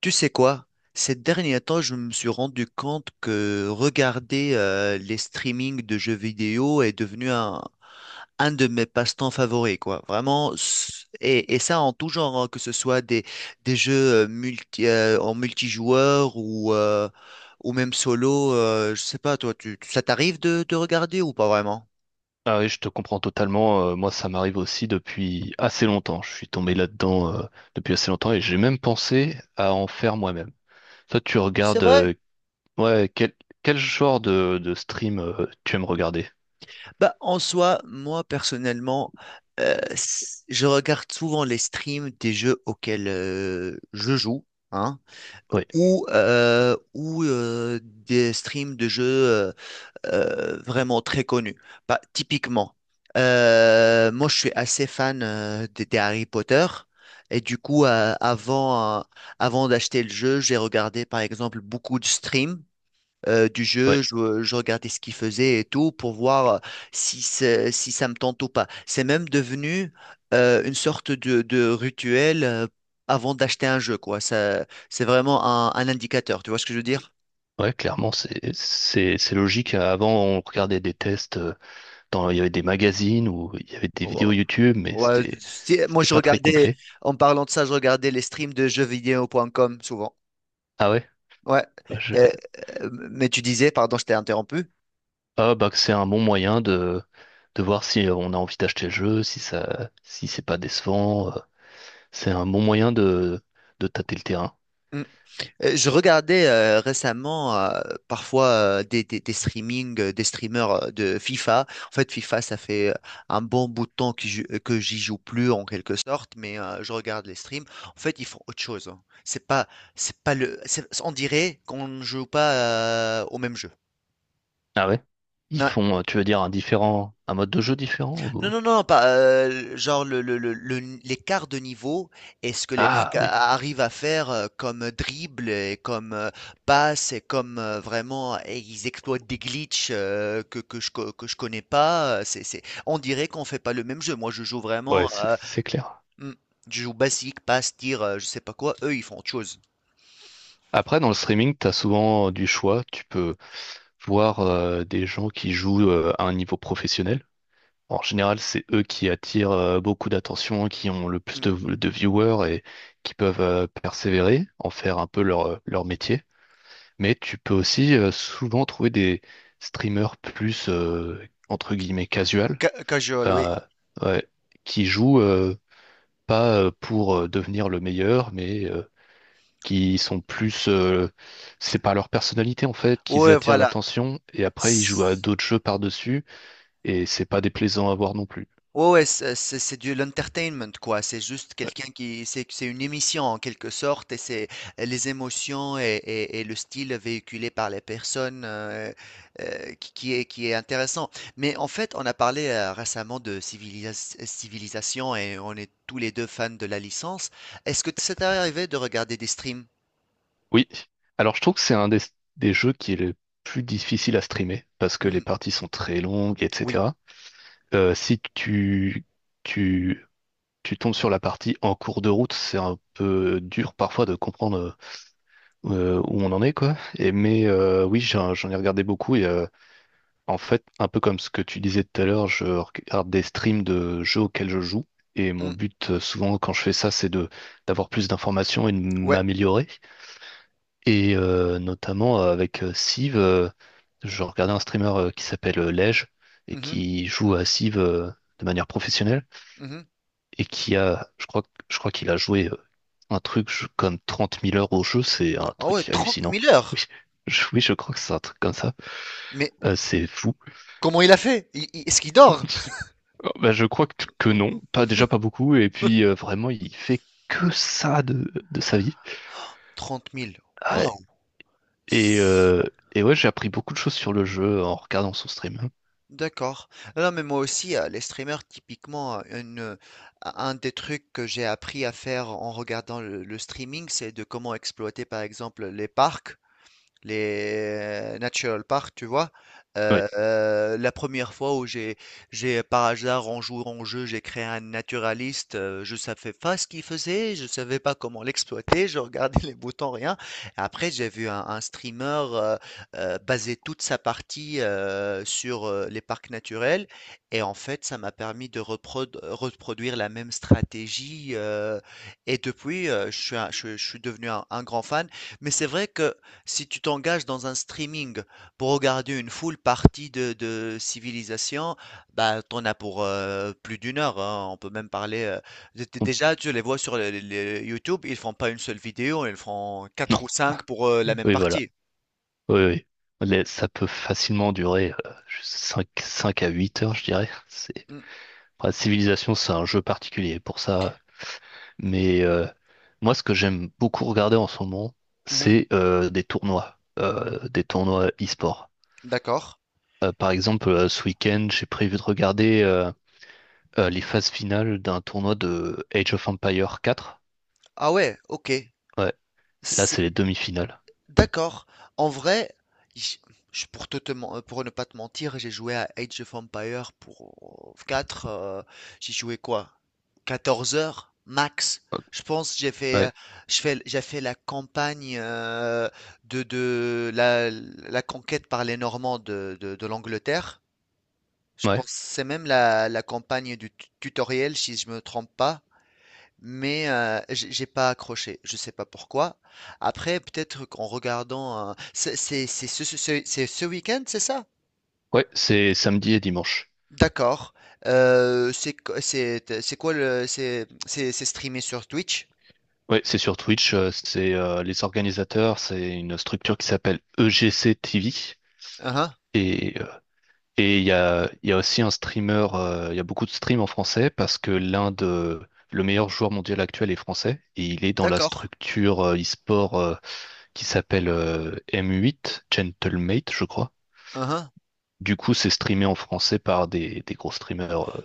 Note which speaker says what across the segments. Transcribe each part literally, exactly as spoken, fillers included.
Speaker 1: Tu sais quoi? Ces derniers temps, je me suis rendu compte que regarder euh, les streamings de jeux vidéo est devenu un, un de mes passe-temps favoris, quoi. Vraiment, s- et, et ça en tout genre, hein, que ce soit des, des jeux euh, multi, euh, en multijoueur ou, euh, ou même solo. Euh, je sais pas, toi, tu, tu- ça t'arrive de, de regarder ou pas vraiment?
Speaker 2: Ah oui, je te comprends totalement. Euh, moi, ça m'arrive aussi depuis assez longtemps. Je suis tombé là-dedans euh, depuis assez longtemps et j'ai même pensé à en faire moi-même. Toi, tu
Speaker 1: C'est
Speaker 2: regardes
Speaker 1: vrai.
Speaker 2: euh, ouais, quel, quel genre de, de stream euh, tu aimes regarder?
Speaker 1: Bah, en soi, moi personnellement, euh, s- je regarde souvent les streams des jeux auxquels euh, je joue, hein,
Speaker 2: Oui,
Speaker 1: ou, euh, ou euh, des streams de jeux euh, euh, vraiment très connus. Bah, typiquement, euh, moi je suis assez fan euh, des, des Harry Potter. Et du coup, euh, avant, euh, avant d'acheter le jeu, j'ai regardé par exemple beaucoup de streams euh, du
Speaker 2: ouais,
Speaker 1: jeu, je, je regardais ce qu'il faisait et tout pour voir euh, si, c'est- si ça me tente ou pas. C'est même devenu euh, une sorte de, de rituel euh, avant d'acheter un jeu, quoi. Ça, c'est vraiment un, un indicateur, tu vois ce que je veux dire?
Speaker 2: ouais, clairement, c'est c'est c'est logique. Avant, on regardait des tests euh, dans il y avait des magazines ou il y avait des
Speaker 1: Ouais.
Speaker 2: vidéos YouTube, mais
Speaker 1: Ouais,
Speaker 2: c'était
Speaker 1: si- moi,
Speaker 2: c'était
Speaker 1: je
Speaker 2: pas très
Speaker 1: regardais,
Speaker 2: complet.
Speaker 1: en parlant de ça, je regardais les streams de jeux jeuxvideo.com souvent.
Speaker 2: Ah ouais?
Speaker 1: Ouais. Euh, euh, mais tu disais, pardon, je t'ai interrompu.
Speaker 2: Ah bah que c'est un bon moyen de, de voir si euh, on a envie d'acheter le jeu, si ça, si c'est pas décevant. Euh, C'est un bon moyen de, de tâter le terrain.
Speaker 1: Euh, Je regardais euh, récemment euh, parfois euh, des, des, des streamings, euh, des streamers euh, de FIFA. En fait, FIFA, ça fait euh, un bon bout de temps que j'y que j'y joue plus en quelque sorte, mais euh, je regarde les streams. En fait, ils font autre chose. Hein. C'est pas, c'est pas le, c'est- On dirait qu'on ne joue pas euh, au même jeu.
Speaker 2: Ah ouais? Ils font, euh, tu veux dire, un différent, un mode de jeu différent
Speaker 1: Non,
Speaker 2: ou-
Speaker 1: non, non, pas heu, genre le le le le n l'écart de niveau et ce que les
Speaker 2: Ah
Speaker 1: mecs
Speaker 2: oui,
Speaker 1: a arrivent à faire, heu, comme dribble et comme, heu, passe et comme, heu, vraiment et ils exploitent des glitches, heu, que que je co que je connais pas, heu, c'est c'est on dirait qu'on fait pas le même jeu. Moi, je joue vraiment,
Speaker 2: ouais, c'est
Speaker 1: heu,
Speaker 2: c'est clair.
Speaker 1: mmh, je joue basique, passe, tire, heu, je sais pas quoi. Eux, ils font autre chose.
Speaker 2: Après, dans le streaming, t'as souvent euh, du choix. Tu peux voir euh, des gens qui jouent euh, à un niveau professionnel. En général, c'est eux qui attirent euh, beaucoup d'attention, qui ont le plus
Speaker 1: Mmh,
Speaker 2: de, de viewers et qui peuvent euh, persévérer, en faire un peu leur, euh, leur métier. Mais tu peux aussi euh, souvent trouver des streamers plus, euh, entre guillemets, casual,
Speaker 1: ca casual, oui.
Speaker 2: euh, ouais, qui jouent euh, pas euh, pour euh, devenir le meilleur, mais euh, qui sont plus... euh, c'est par leur personnalité, en fait, qu'ils
Speaker 1: Ouais,
Speaker 2: attirent
Speaker 1: voilà.
Speaker 2: l'attention et après, ils jouent à d'autres jeux par-dessus et c'est pas déplaisant à voir non plus.
Speaker 1: Ouais, ouais, c'est c'est c'est de l'entertainment, quoi. C'est juste quelqu'un qui, c'est c'est une émission en quelque sorte, et c'est euh, les émotions et, et- et le style véhiculé par les personnes euh, euh, qui, qui est qui est intéressant. Mais en fait, on a parlé euh, récemment de civilis- civilisation et on est tous les deux fans de la licence. Est-ce que ça t'est arrivé de regarder des streams?
Speaker 2: Oui. Alors, je trouve que c'est un des, des jeux qui est le plus difficile à streamer parce que
Speaker 1: Hmm,
Speaker 2: les parties sont très longues,
Speaker 1: oui.
Speaker 2: et cetera. Euh, si tu, tu, tu tombes sur la partie en cours de route, c'est un peu dur parfois de comprendre euh, où on en est, quoi. Et, mais euh, oui, j'en, j'en ai regardé beaucoup et euh, en fait, un peu comme ce que tu disais tout à l'heure, je regarde des streams de jeux auxquels je joue. Et mon
Speaker 1: Hmm,
Speaker 2: but, euh, souvent, quand je fais ça, c'est de d'avoir plus d'informations et de
Speaker 1: ouais.
Speaker 2: m'améliorer. Et euh, notamment euh, avec euh, Civ, euh, je regardais un streamer euh, qui s'appelle euh, Lej et
Speaker 1: Mhm.
Speaker 2: qui joue à Civ euh, de manière professionnelle
Speaker 1: Mhm.
Speaker 2: et qui a, je crois, je crois qu'il a joué euh, un truc je- comme trente mille heures au jeu, c'est un
Speaker 1: Ah ouais,
Speaker 2: truc
Speaker 1: trente
Speaker 2: hallucinant.
Speaker 1: mille
Speaker 2: Oui,
Speaker 1: heures.
Speaker 2: je, oui, je crois que c'est un truc comme ça.
Speaker 1: Mais
Speaker 2: Euh, c'est fou.
Speaker 1: comment il a fait? Il- il- est-ce qu'il dort?
Speaker 2: Oh, bah, je crois que, que non, pas déjà pas beaucoup, et puis euh, vraiment il fait que ça de, de sa vie.
Speaker 1: trente mille.
Speaker 2: Ouais. Et,
Speaker 1: S-
Speaker 2: euh, et ouais, j'ai appris beaucoup de choses sur le jeu en regardant son stream.
Speaker 1: D'accord. Ah non, mais moi aussi, euh, les streamers, typiquement, euh, une, euh, un des trucs que j'ai appris à faire en regardant le, le streaming, c'est de comment exploiter, par exemple, les parcs. Les natural parks, tu vois.
Speaker 2: Oui.
Speaker 1: Euh, euh, la première fois où j'ai, j'ai par hasard en jouant en jeu, j'ai créé un naturaliste. Euh, je savais pas ce qu'il faisait, je savais pas comment l'exploiter. Je regardais les boutons, rien. Après, j'ai vu un, un streamer euh, euh, baser toute sa partie euh, sur euh, les parcs naturels, et en fait, ça m'a permis de reprod- reproduire la même stratégie. Euh, et depuis, euh, je suis, un- je, je suis devenu un un grand fan. Mais c'est vrai que si tu t'engages dans un streaming pour regarder une full partie de, de Civilisation, bah t'en as pour euh, plus d'une heure. Hein. On peut même parler. Euh, d- d- déjà, tu les vois sur les- les YouTube, ils font pas une seule vidéo, ils font
Speaker 2: Non.
Speaker 1: quatre ou cinq pour euh, la même
Speaker 2: Oui, voilà.
Speaker 1: partie.
Speaker 2: Oui, oui. Les- Ça peut facilement durer euh, cinq 5 à huit heures, je dirais. C'est...
Speaker 1: Mm.
Speaker 2: Enfin, Civilization, c'est un jeu particulier pour ça. Mais euh, moi, ce que j'aime beaucoup regarder en ce moment,
Speaker 1: Mhm.
Speaker 2: c'est euh, des tournois, euh, des tournois e-sport.
Speaker 1: D'accord.
Speaker 2: Euh, par exemple, euh, ce week-end, j'ai prévu de regarder euh, euh, les phases finales d'un tournoi de Age of Empire quatre.
Speaker 1: Ah ouais, ok.
Speaker 2: Ouais. C'est- Là, c'est les demi-finales.
Speaker 1: D'accord. En vrai, j- je- pour, te, te men- euh, pour ne pas te mentir, j'ai joué à Age of Empires pour euh, quatre. Euh, j'ai joué quoi? Quatorze heures max. Je pense que j'ai fait, euh,
Speaker 2: Ouais.
Speaker 1: je fais, j'ai fait la campagne euh, de, de la, la conquête par les Normands de, de, de l'Angleterre. Je
Speaker 2: Ouais.
Speaker 1: pense que c'est même la, la campagne du tu- tutoriel, si je me trompe pas. Mais euh, j'ai j'ai pas accroché, je sais pas pourquoi. Après, peut-être qu'en regardant, euh, c'est c'est- c'est ce, ce- ce- c'est ce week-end, c'est ça?
Speaker 2: Ouais, c'est samedi et dimanche.
Speaker 1: D'accord. Euh, c'est qu- c'est c'est quoi le c'est c'est c'est streamé sur Twitch?
Speaker 2: Oui, c'est sur Twitch, euh, c'est euh, les organisateurs, c'est une structure qui s'appelle E G C T V.
Speaker 1: Uhum.
Speaker 2: Et euh, et il y a, il y a aussi un streamer, euh, il y a beaucoup de streams en français parce que l'un de le meilleur joueur mondial actuel est français et il est dans la
Speaker 1: D'accord.
Speaker 2: structure euh, e-sport euh, qui s'appelle euh, M huit, Gentlemate, je crois.
Speaker 1: Uhum.
Speaker 2: Du coup, c'est streamé en français par des, des gros streamers, euh,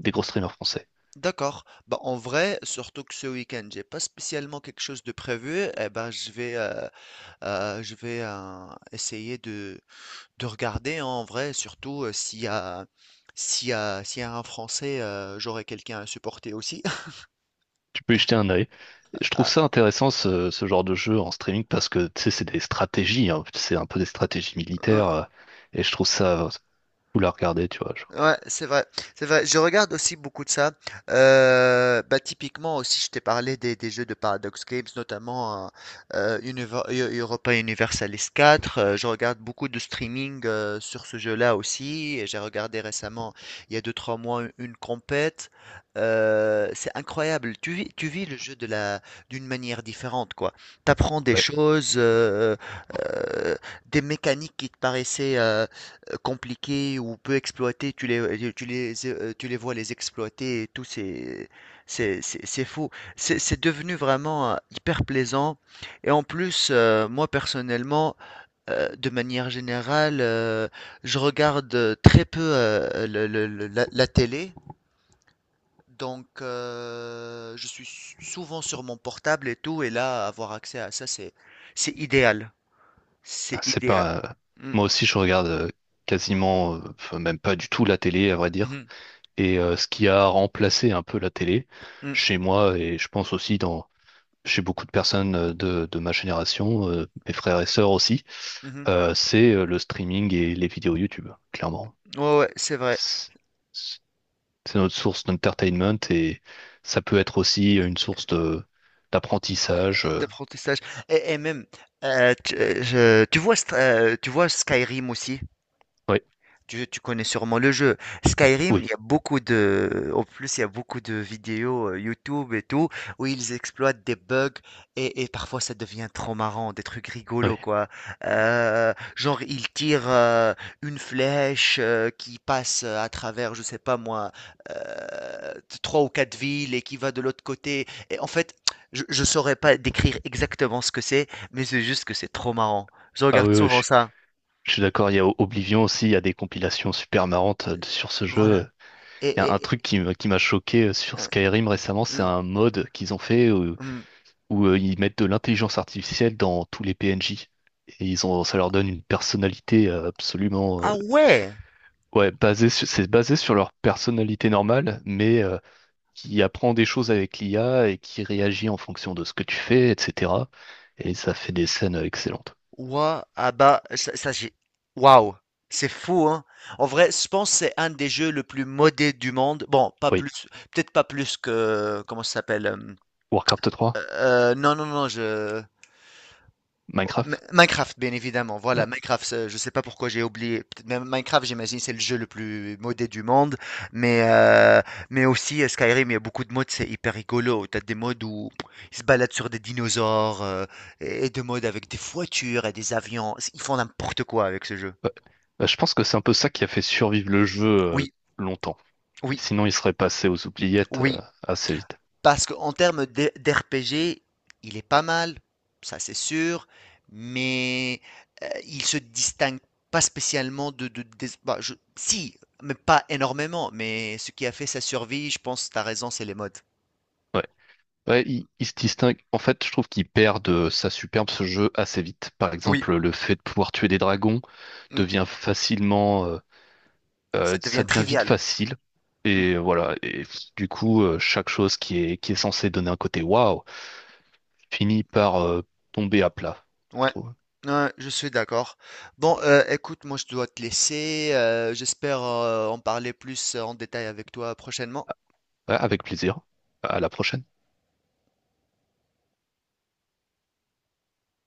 Speaker 2: des gros streamers français.
Speaker 1: D'accord. Bah, en vrai, surtout que ce week-end, j'ai pas spécialement quelque chose de prévu. Eh ben, je vais euh, euh, je vais euh, essayer de De regarder, hein, en vrai, surtout, heu, s'il y a s'il y a s'il y a un Français, heu, j'aurai quelqu'un à supporter aussi.
Speaker 2: Tu peux y jeter un œil. Je trouve
Speaker 1: Ah,
Speaker 2: ça intéressant ce, ce genre de jeu en streaming parce que tu sais, c'est des stratégies, hein. C'est un peu des stratégies
Speaker 1: hein.
Speaker 2: militaires euh, et je trouve ça euh, cool à regarder, tu vois. Genre.
Speaker 1: Ouais, c'est vrai, c'est vrai. Je regarde aussi beaucoup de ça. Euh, bah, typiquement aussi, je t'ai parlé des, des jeux de Paradox Games, notamment euh, euh, Univer- Eu- Europa Universalis quatre. Euh, je regarde beaucoup de streaming euh, sur ce jeu-là aussi. Et j'ai regardé récemment, il y a deux trois mois, une compète. Euh, c'est incroyable. Tu vis, tu vis le jeu de la, d'une manière différente, quoi. T'apprends des
Speaker 2: Bah,
Speaker 1: choses, euh, euh, des mécaniques qui te paraissaient euh, compliqués ou peu exploités, tu les, euh, tu les, euh, tu les vois les exploiter et tout, c'est, c'est, c'est, c'est fou. C'est, c'est devenu vraiment euh, hyper plaisant. Et en plus, euh, moi personnellement, euh, de manière générale, euh, je regarde euh, très peu euh, le- le- le- la, la télé. Donc, euh, je suis s- souvent sur mon portable et tout, et là, avoir accès à ça, c'est, c'est idéal.
Speaker 2: ah,
Speaker 1: C'est
Speaker 2: c'est
Speaker 1: idéal.
Speaker 2: pas.
Speaker 1: Mm.
Speaker 2: Moi aussi, je regarde euh, quasiment, euh, enfin, même pas du tout la télé, à vrai dire.
Speaker 1: Mhm.
Speaker 2: Et euh, ce qui a remplacé un peu la télé
Speaker 1: Mm.
Speaker 2: chez moi, et je pense aussi dans chez beaucoup de personnes euh, de, de ma génération, euh, mes frères et sœurs aussi,
Speaker 1: Mhm.
Speaker 2: euh, c'est euh, le streaming et les vidéos YouTube, clairement.
Speaker 1: Ouais, ouais, c'est vrai.
Speaker 2: C'est c'est notre source d'entertainment et ça peut être aussi une source de d'apprentissage. euh.
Speaker 1: D'apprentissage. Et, et même, euh, tu, euh, je- tu vois, St- euh, tu vois Skyrim aussi?
Speaker 2: Oui,
Speaker 1: Tu, tu connais sûrement le jeu. Skyrim, il
Speaker 2: oui,
Speaker 1: y a beaucoup de. En plus, il y a beaucoup de vidéos euh, YouTube et tout, où ils exploitent des bugs et, et parfois ça devient trop marrant, des trucs
Speaker 2: oui.
Speaker 1: rigolos, quoi. Euh, genre, ils tirent euh, une flèche euh, qui passe à travers, je sais pas moi, euh, trois ou quatre villes et qui va de l'autre côté. Et en fait, je, je saurais pas décrire exactement ce que c'est, mais c'est juste que c'est trop marrant. Je
Speaker 2: Ah
Speaker 1: regarde
Speaker 2: oui, oui,
Speaker 1: souvent
Speaker 2: je,
Speaker 1: ça.
Speaker 2: je suis d'accord, il y a Oblivion aussi, il y a des compilations super marrantes euh, sur ce
Speaker 1: Voilà.
Speaker 2: jeu.
Speaker 1: Et...
Speaker 2: Il y a un
Speaker 1: et-
Speaker 2: truc
Speaker 1: et-
Speaker 2: qui m'a qui m'a choqué euh, sur
Speaker 1: hein,
Speaker 2: Skyrim récemment, c'est
Speaker 1: hein.
Speaker 2: un mode qu'ils ont fait où,
Speaker 1: Hmm.
Speaker 2: où, euh, ils mettent de l'intelligence artificielle dans tous les P N J. Et ils ont, ça leur donne une personnalité euh, absolument... euh,
Speaker 1: Ah ouais!
Speaker 2: ouais, basée sur- c'est basé sur leur personnalité normale, mais euh, qui apprend des choses avec l'I A et qui réagit en fonction de ce que tu fais, et cetera. Et ça fait des scènes euh, excellentes.
Speaker 1: Ouais, ah bah, ça, ça, j'ai. Waouh! C'est fou, hein? En vrai, je pense que c'est un des jeux le plus modé du monde. Bon, pas
Speaker 2: Oui,
Speaker 1: plus, peut-être pas plus que. Comment ça s'appelle? Euh,
Speaker 2: Warcraft trois,
Speaker 1: euh, non, non, non, je. Oh,
Speaker 2: Minecraft.
Speaker 1: Minecraft, bien évidemment. Voilà, Minecraft, ça, je sais pas pourquoi j'ai oublié. Peut-être même Minecraft, j'imagine, c'est le jeu le plus modé du monde. Mais, euh, mais aussi, euh, Skyrim, il y a beaucoup de modes, c'est hyper rigolo. T'as des modes où ils se baladent sur des dinosaures, euh, et et de modes avec des voitures et des avions. Ils font n'importe quoi avec ce jeu.
Speaker 2: Ouais. Bah, je pense que c'est un peu ça qui a fait survivre le jeu euh,
Speaker 1: Oui,
Speaker 2: longtemps.
Speaker 1: oui,
Speaker 2: Sinon, il serait passé aux oubliettes euh,
Speaker 1: oui.
Speaker 2: assez vite.
Speaker 1: Parce qu'en termes d- d'R- d'R P G, il est pas mal, ça c'est sûr, mais euh, il se distingue pas spécialement de, de- des- bah, je- si, mais pas énormément. Mais ce qui a fait sa survie, je pense, t'as raison, c'est les modes.
Speaker 2: Ouais. Ouais, il, il se distingue. En fait, je trouve qu'il perd de sa superbe ce jeu assez vite. Par
Speaker 1: Oui,
Speaker 2: exemple, le fait de pouvoir tuer des dragons.
Speaker 1: mm,
Speaker 2: devient facilement, euh,
Speaker 1: ça
Speaker 2: euh, ça
Speaker 1: devient
Speaker 2: devient vite
Speaker 1: trivial.
Speaker 2: facile.
Speaker 1: Mm,
Speaker 2: Et voilà. Et du coup, euh, chaque chose qui est, qui est censée donner un côté waouh finit par euh, tomber à plat, je
Speaker 1: ouais.
Speaker 2: trouve.
Speaker 1: Ouais, je suis d'accord. Bon, euh, écoute, moi je dois te laisser. Euh, j'espère euh, en parler plus en détail avec toi prochainement.
Speaker 2: Ouais, avec plaisir. À la prochaine.